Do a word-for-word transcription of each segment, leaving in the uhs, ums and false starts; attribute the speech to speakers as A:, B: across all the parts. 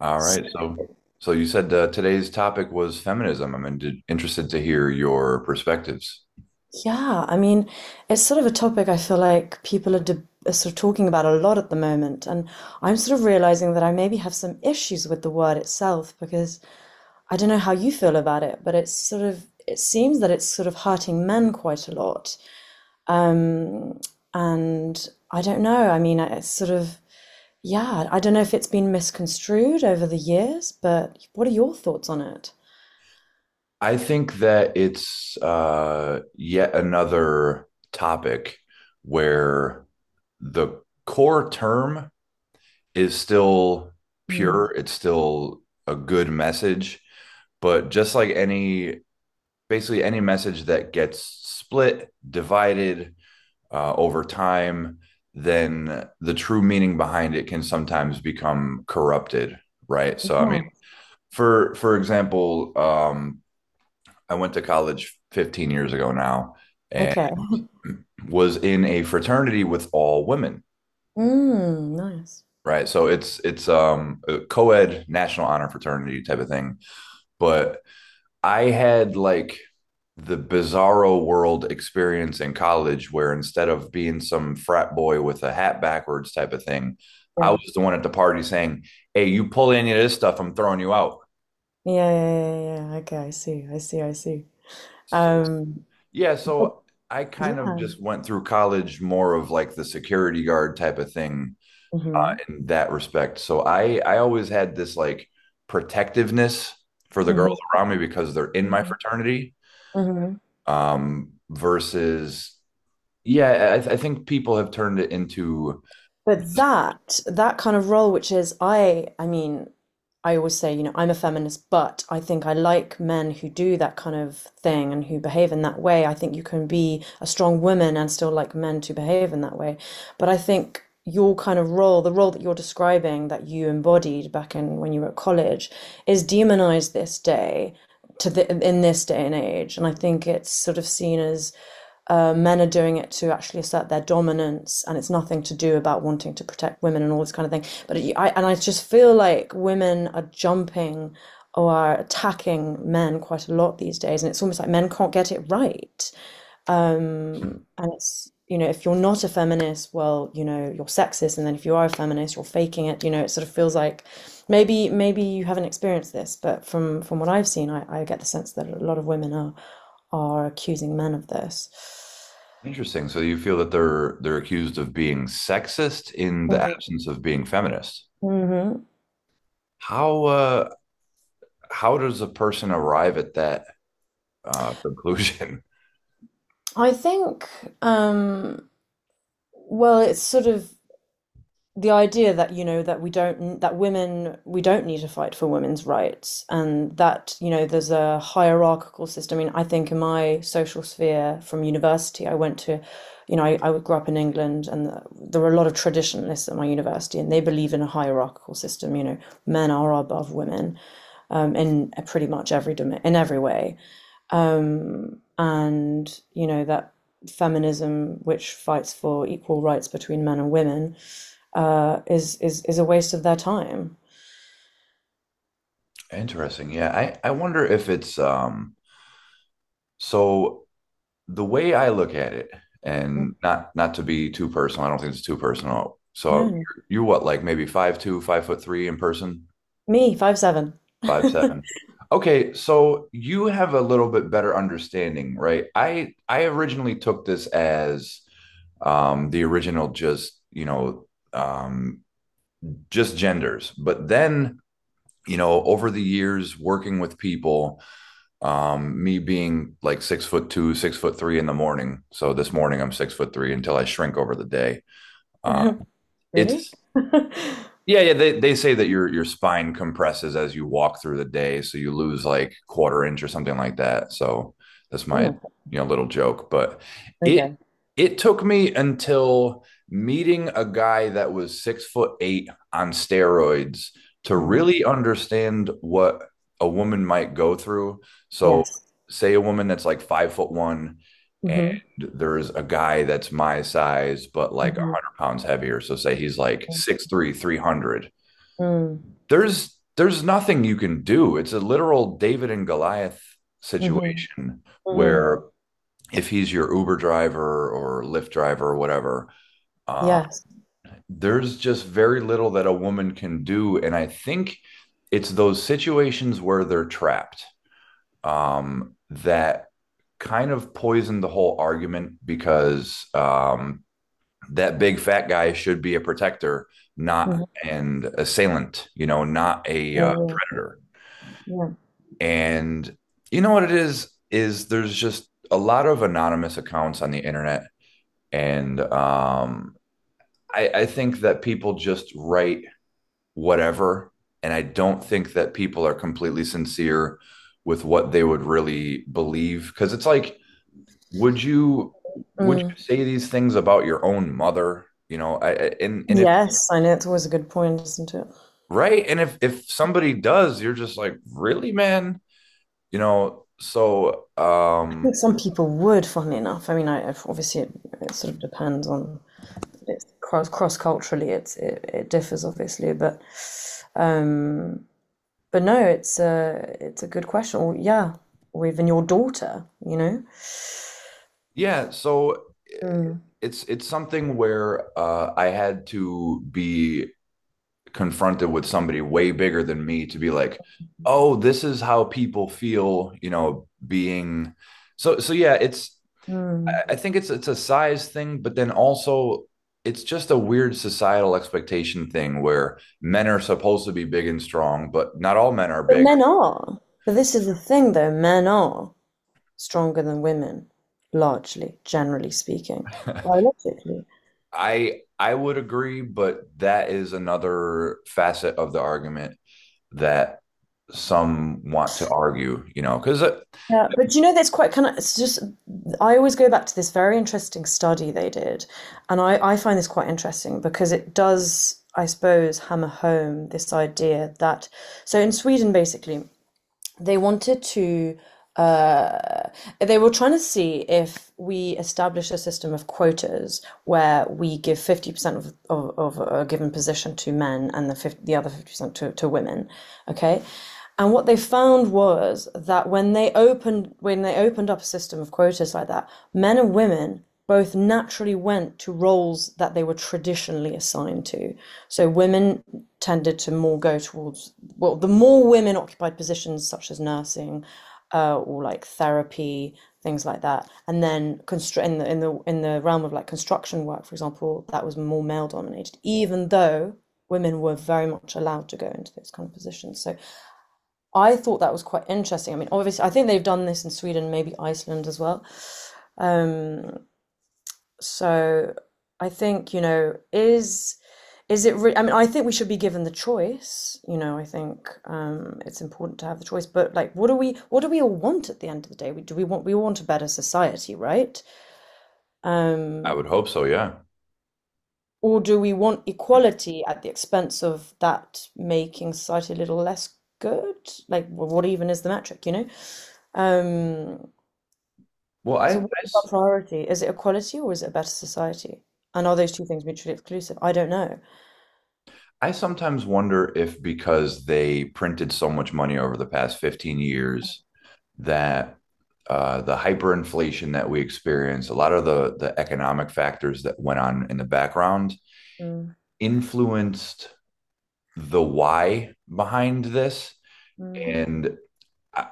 A: All
B: So,
A: right. So, so you said uh, today's topic was feminism. I'm in- interested to hear your perspectives.
B: yeah, I mean, it's sort of a topic I feel like people are, de are sort of talking about a lot at the moment, and I'm sort of realizing that I maybe have some issues with the word itself because I don't know how you feel about it, but it's sort of it seems that it's sort of hurting men quite a lot. Um, and I don't know. I mean, I- it's sort of yeah, I don't know if it's been misconstrued over the years, but what are your thoughts on it?
A: I think that it's uh, yet another topic where the core term is still
B: Hmm.
A: pure. It's still a good message, but just like any, basically any message that gets split, divided, uh, over time, then the true meaning behind it can sometimes become corrupted, right? So, I mean,
B: Yeah.
A: for for example, um, I went to college fifteen years ago now, and
B: Okay.
A: was in a fraternity with all women,
B: Mm, nice.
A: right? So it's it's um, a co-ed national honor fraternity type of thing, but I had like the bizarro world experience in college where instead of being some frat boy with a hat backwards type of thing, I
B: Yeah.
A: was the one at the party saying, "Hey, you pull any of this stuff, I'm throwing you out."
B: Yeah, yeah, yeah, yeah, yeah, yeah. Okay, I see. I see. I see.
A: So,
B: Um,
A: yeah,
B: but
A: so I kind of
B: yeah.
A: just went through college more of like the security guard type of thing
B: Mm-hmm.
A: in that respect. So I I always had this like protectiveness for the
B: Mm-hmm.
A: girls around me because they're in my
B: Mm-hmm.
A: fraternity
B: Mm-hmm.
A: um versus. Yeah, I, th- I think people have turned it into
B: But that that kind of role, which is, I, I mean, I always say, you know, I'm a feminist, but I think I like men who do that kind of thing and who behave in that way. I think you can be a strong woman and still like men to behave in that way. But I think your kind of role, the role that you're describing that you embodied back in when you were at college, is demonized this day to the in this day and age. And I think it's sort of seen as, uh, men are doing it to actually assert their dominance, and it's nothing to do about wanting to protect women and all this kind of thing. But it, I and I just feel like women are jumping or are attacking men quite a lot these days, and it's almost like men can't get it right. And, it's you know, if you're not a feminist, well, you know, you're sexist, and then if you are a feminist, you're faking it. You know, it sort of feels like maybe maybe you haven't experienced this, but from from what I've seen, I, I get the sense that a lot of women are are accusing men of this.
A: interesting. So you feel that they're they're accused of being sexist in the absence of being feminist.
B: hmm
A: How uh, how does a person arrive at that uh, conclusion?
B: I think, um, well, it's sort of the idea that, you know, that we don't, that women, we don't need to fight for women's rights, and that, you know, there's a hierarchical system. I mean, I think in my social sphere from university, I went to, you know, I, I grew up in England, and there were a lot of traditionalists at my university, and they believe in a hierarchical system. You know, men are above women, um, in pretty much every in every way, um, and you know that feminism, which fights for equal rights between men and women, uh, is is is a waste of their time.
A: Interesting. Yeah, I I wonder if it's um. So the way I look at it,
B: Mm,
A: and not not to be too personal, I don't think it's too personal.
B: no,
A: So
B: no.
A: you're what, like maybe five two, five foot three in person?
B: Me, five seven.
A: Five seven. Okay, so you have a little bit better understanding, right? I I originally took this as um, the original, just you know um, just genders, but then you know over the years working with people, um, me being like six foot two, six foot three in the morning. So this morning I'm six foot three until I shrink over the day. Uh,
B: Really?
A: it's. Yeah, yeah. They they say that your your spine compresses as you walk through the day, so you lose like quarter inch or something like that. So that's my, you know, little joke. But it
B: Okay.
A: it took me until meeting a guy that was six foot eight on steroids to
B: Anyway,
A: really understand what a woman might go through. So
B: yes.
A: say a woman that's like five foot one and
B: Hmm.
A: there's a guy that's my size, but like
B: Hmm.
A: pounds heavier. So say he's like six three, three hundred.
B: Mm.
A: There's there's nothing you can do. It's a literal David and Goliath
B: Mm-hmm.
A: situation
B: Mm-hmm.
A: where if he's your Uber driver or Lyft driver or whatever, uh,
B: Yes.
A: there's just very little that a woman can do. And I think it's those situations where they're trapped um, that kind of poisoned the whole argument because um, that big fat guy should be a protector, not
B: Mm-hmm.
A: an assailant, you know, not a uh,
B: Yeah,
A: predator.
B: yeah,
A: And you know what it is is there's just a lot of anonymous accounts on the internet, and um, I, I think that people just write whatever, and I don't think that people are completely sincere with what they would really believe because it's like, would you
B: yeah.
A: would you
B: Mm.
A: say these things about your own mother? You know, I, and and if,
B: Yes, I know it's always a good point, isn't it?
A: right, and if if somebody does, you're just like, really, man? You know, so
B: I
A: um
B: think some people would, funnily enough. I mean, I obviously it, it sort of depends on. It's cross cross culturally, it's it, it differs obviously, but um but no, it's a it's a good question. Or yeah, or even your daughter, you know
A: yeah. So eh,
B: mm.
A: it's it's something where uh I had to be confronted with somebody way bigger than me to be like, oh, this is how people feel, you know, being so, so yeah. It's
B: Mm.
A: I- I think it's it's a size thing, but then also it's just a weird societal expectation thing where men are supposed to be big and strong, but not all men are
B: but
A: big.
B: men are but this is the thing, though men are stronger than women, largely, generally speaking, biologically.
A: I I would agree, but that is another facet of the argument that some want to argue, you know, because I
B: Yeah, but you know, that's quite kind of, it's just, I always go back to this very interesting study they did. And I, I find this quite interesting because it does, I suppose, hammer home this idea that, so in Sweden, basically, they wanted to they were trying to see if we establish a system of quotas where we give fifty percent of, of, of a given position to men and the, fifty, the other fifty percent to, to women. Okay. And what they found was that when they opened, when they opened up a system of quotas like that, men and women both naturally went to roles that they were traditionally assigned to. So women tended to more go towards, well, the more women occupied positions such as nursing, uh, or like therapy, things like that. And then constr in the in the in the realm of like construction work, for example, that was more male dominated, even though women were very much allowed to go into those kind of positions. So I thought that was quite interesting. I mean, obviously, I think they've done this in Sweden, maybe Iceland as well. Um, so I think, you know, is is it re I mean, I think we should be given the choice. You know, I think, um, it's important to have the choice. But like, what do we what do we all want at the end of the day? We, do we want we want a better society, right? Um,
A: would hope so, yeah.
B: or do we want equality at the expense of that making society a little less good? Like, wh- what even is the metric, you know? Um,
A: Well, I
B: so what
A: I
B: is our priority? Is it equality or is it a better society? And are those two things mutually exclusive? I don't know.
A: I sometimes wonder if because they printed so much money over the past fifteen years that uh, the hyperinflation that we experienced, a lot of the the economic factors that went on in the background
B: Mm.
A: influenced the why behind this,
B: Mm.
A: and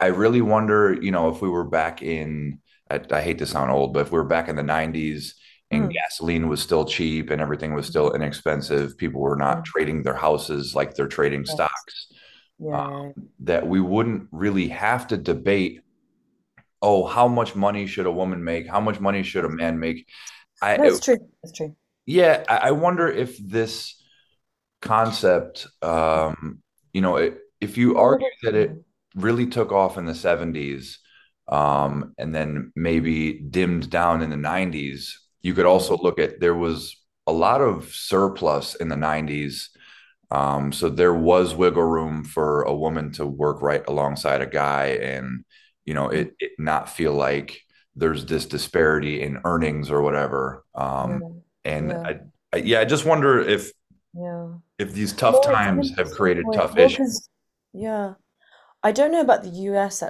A: I really wonder, you know, if we were back in, I, I hate to sound old, but if we were back in the nineties and
B: Mm.
A: gasoline was still cheap and everything was
B: Mm.
A: still inexpensive, people were not
B: Mm.
A: trading their houses like they're trading
B: Mm.
A: stocks, uh,
B: Yeah. Yeah,
A: that we wouldn't really have to debate, oh, how much money should a woman make? How much money should
B: yeah,
A: a man make?
B: yeah. No,
A: I,
B: it's true. It's true.
A: yeah, I
B: Yeah,
A: wonder if this concept,
B: yeah.
A: um, you know, it, if you
B: Well, well,
A: argue
B: well.
A: that it
B: Mm,
A: really took off in the seventies
B: mm,
A: um, and then maybe dimmed down in the nineties, you could also
B: mm,
A: look at there was a lot of surplus in the nineties. Um, so there was wiggle room for a woman to work right alongside a guy and, you know,
B: mm.
A: it, it not feel like there's this disparity in earnings or whatever.
B: Yeah.
A: Um, and
B: Yeah.
A: I, I, yeah, I just wonder if
B: Yeah.
A: if these tough
B: No, it's an
A: times have
B: interesting
A: created
B: point.
A: tough
B: Well,
A: issues.
B: because yeah, I don't know about the U S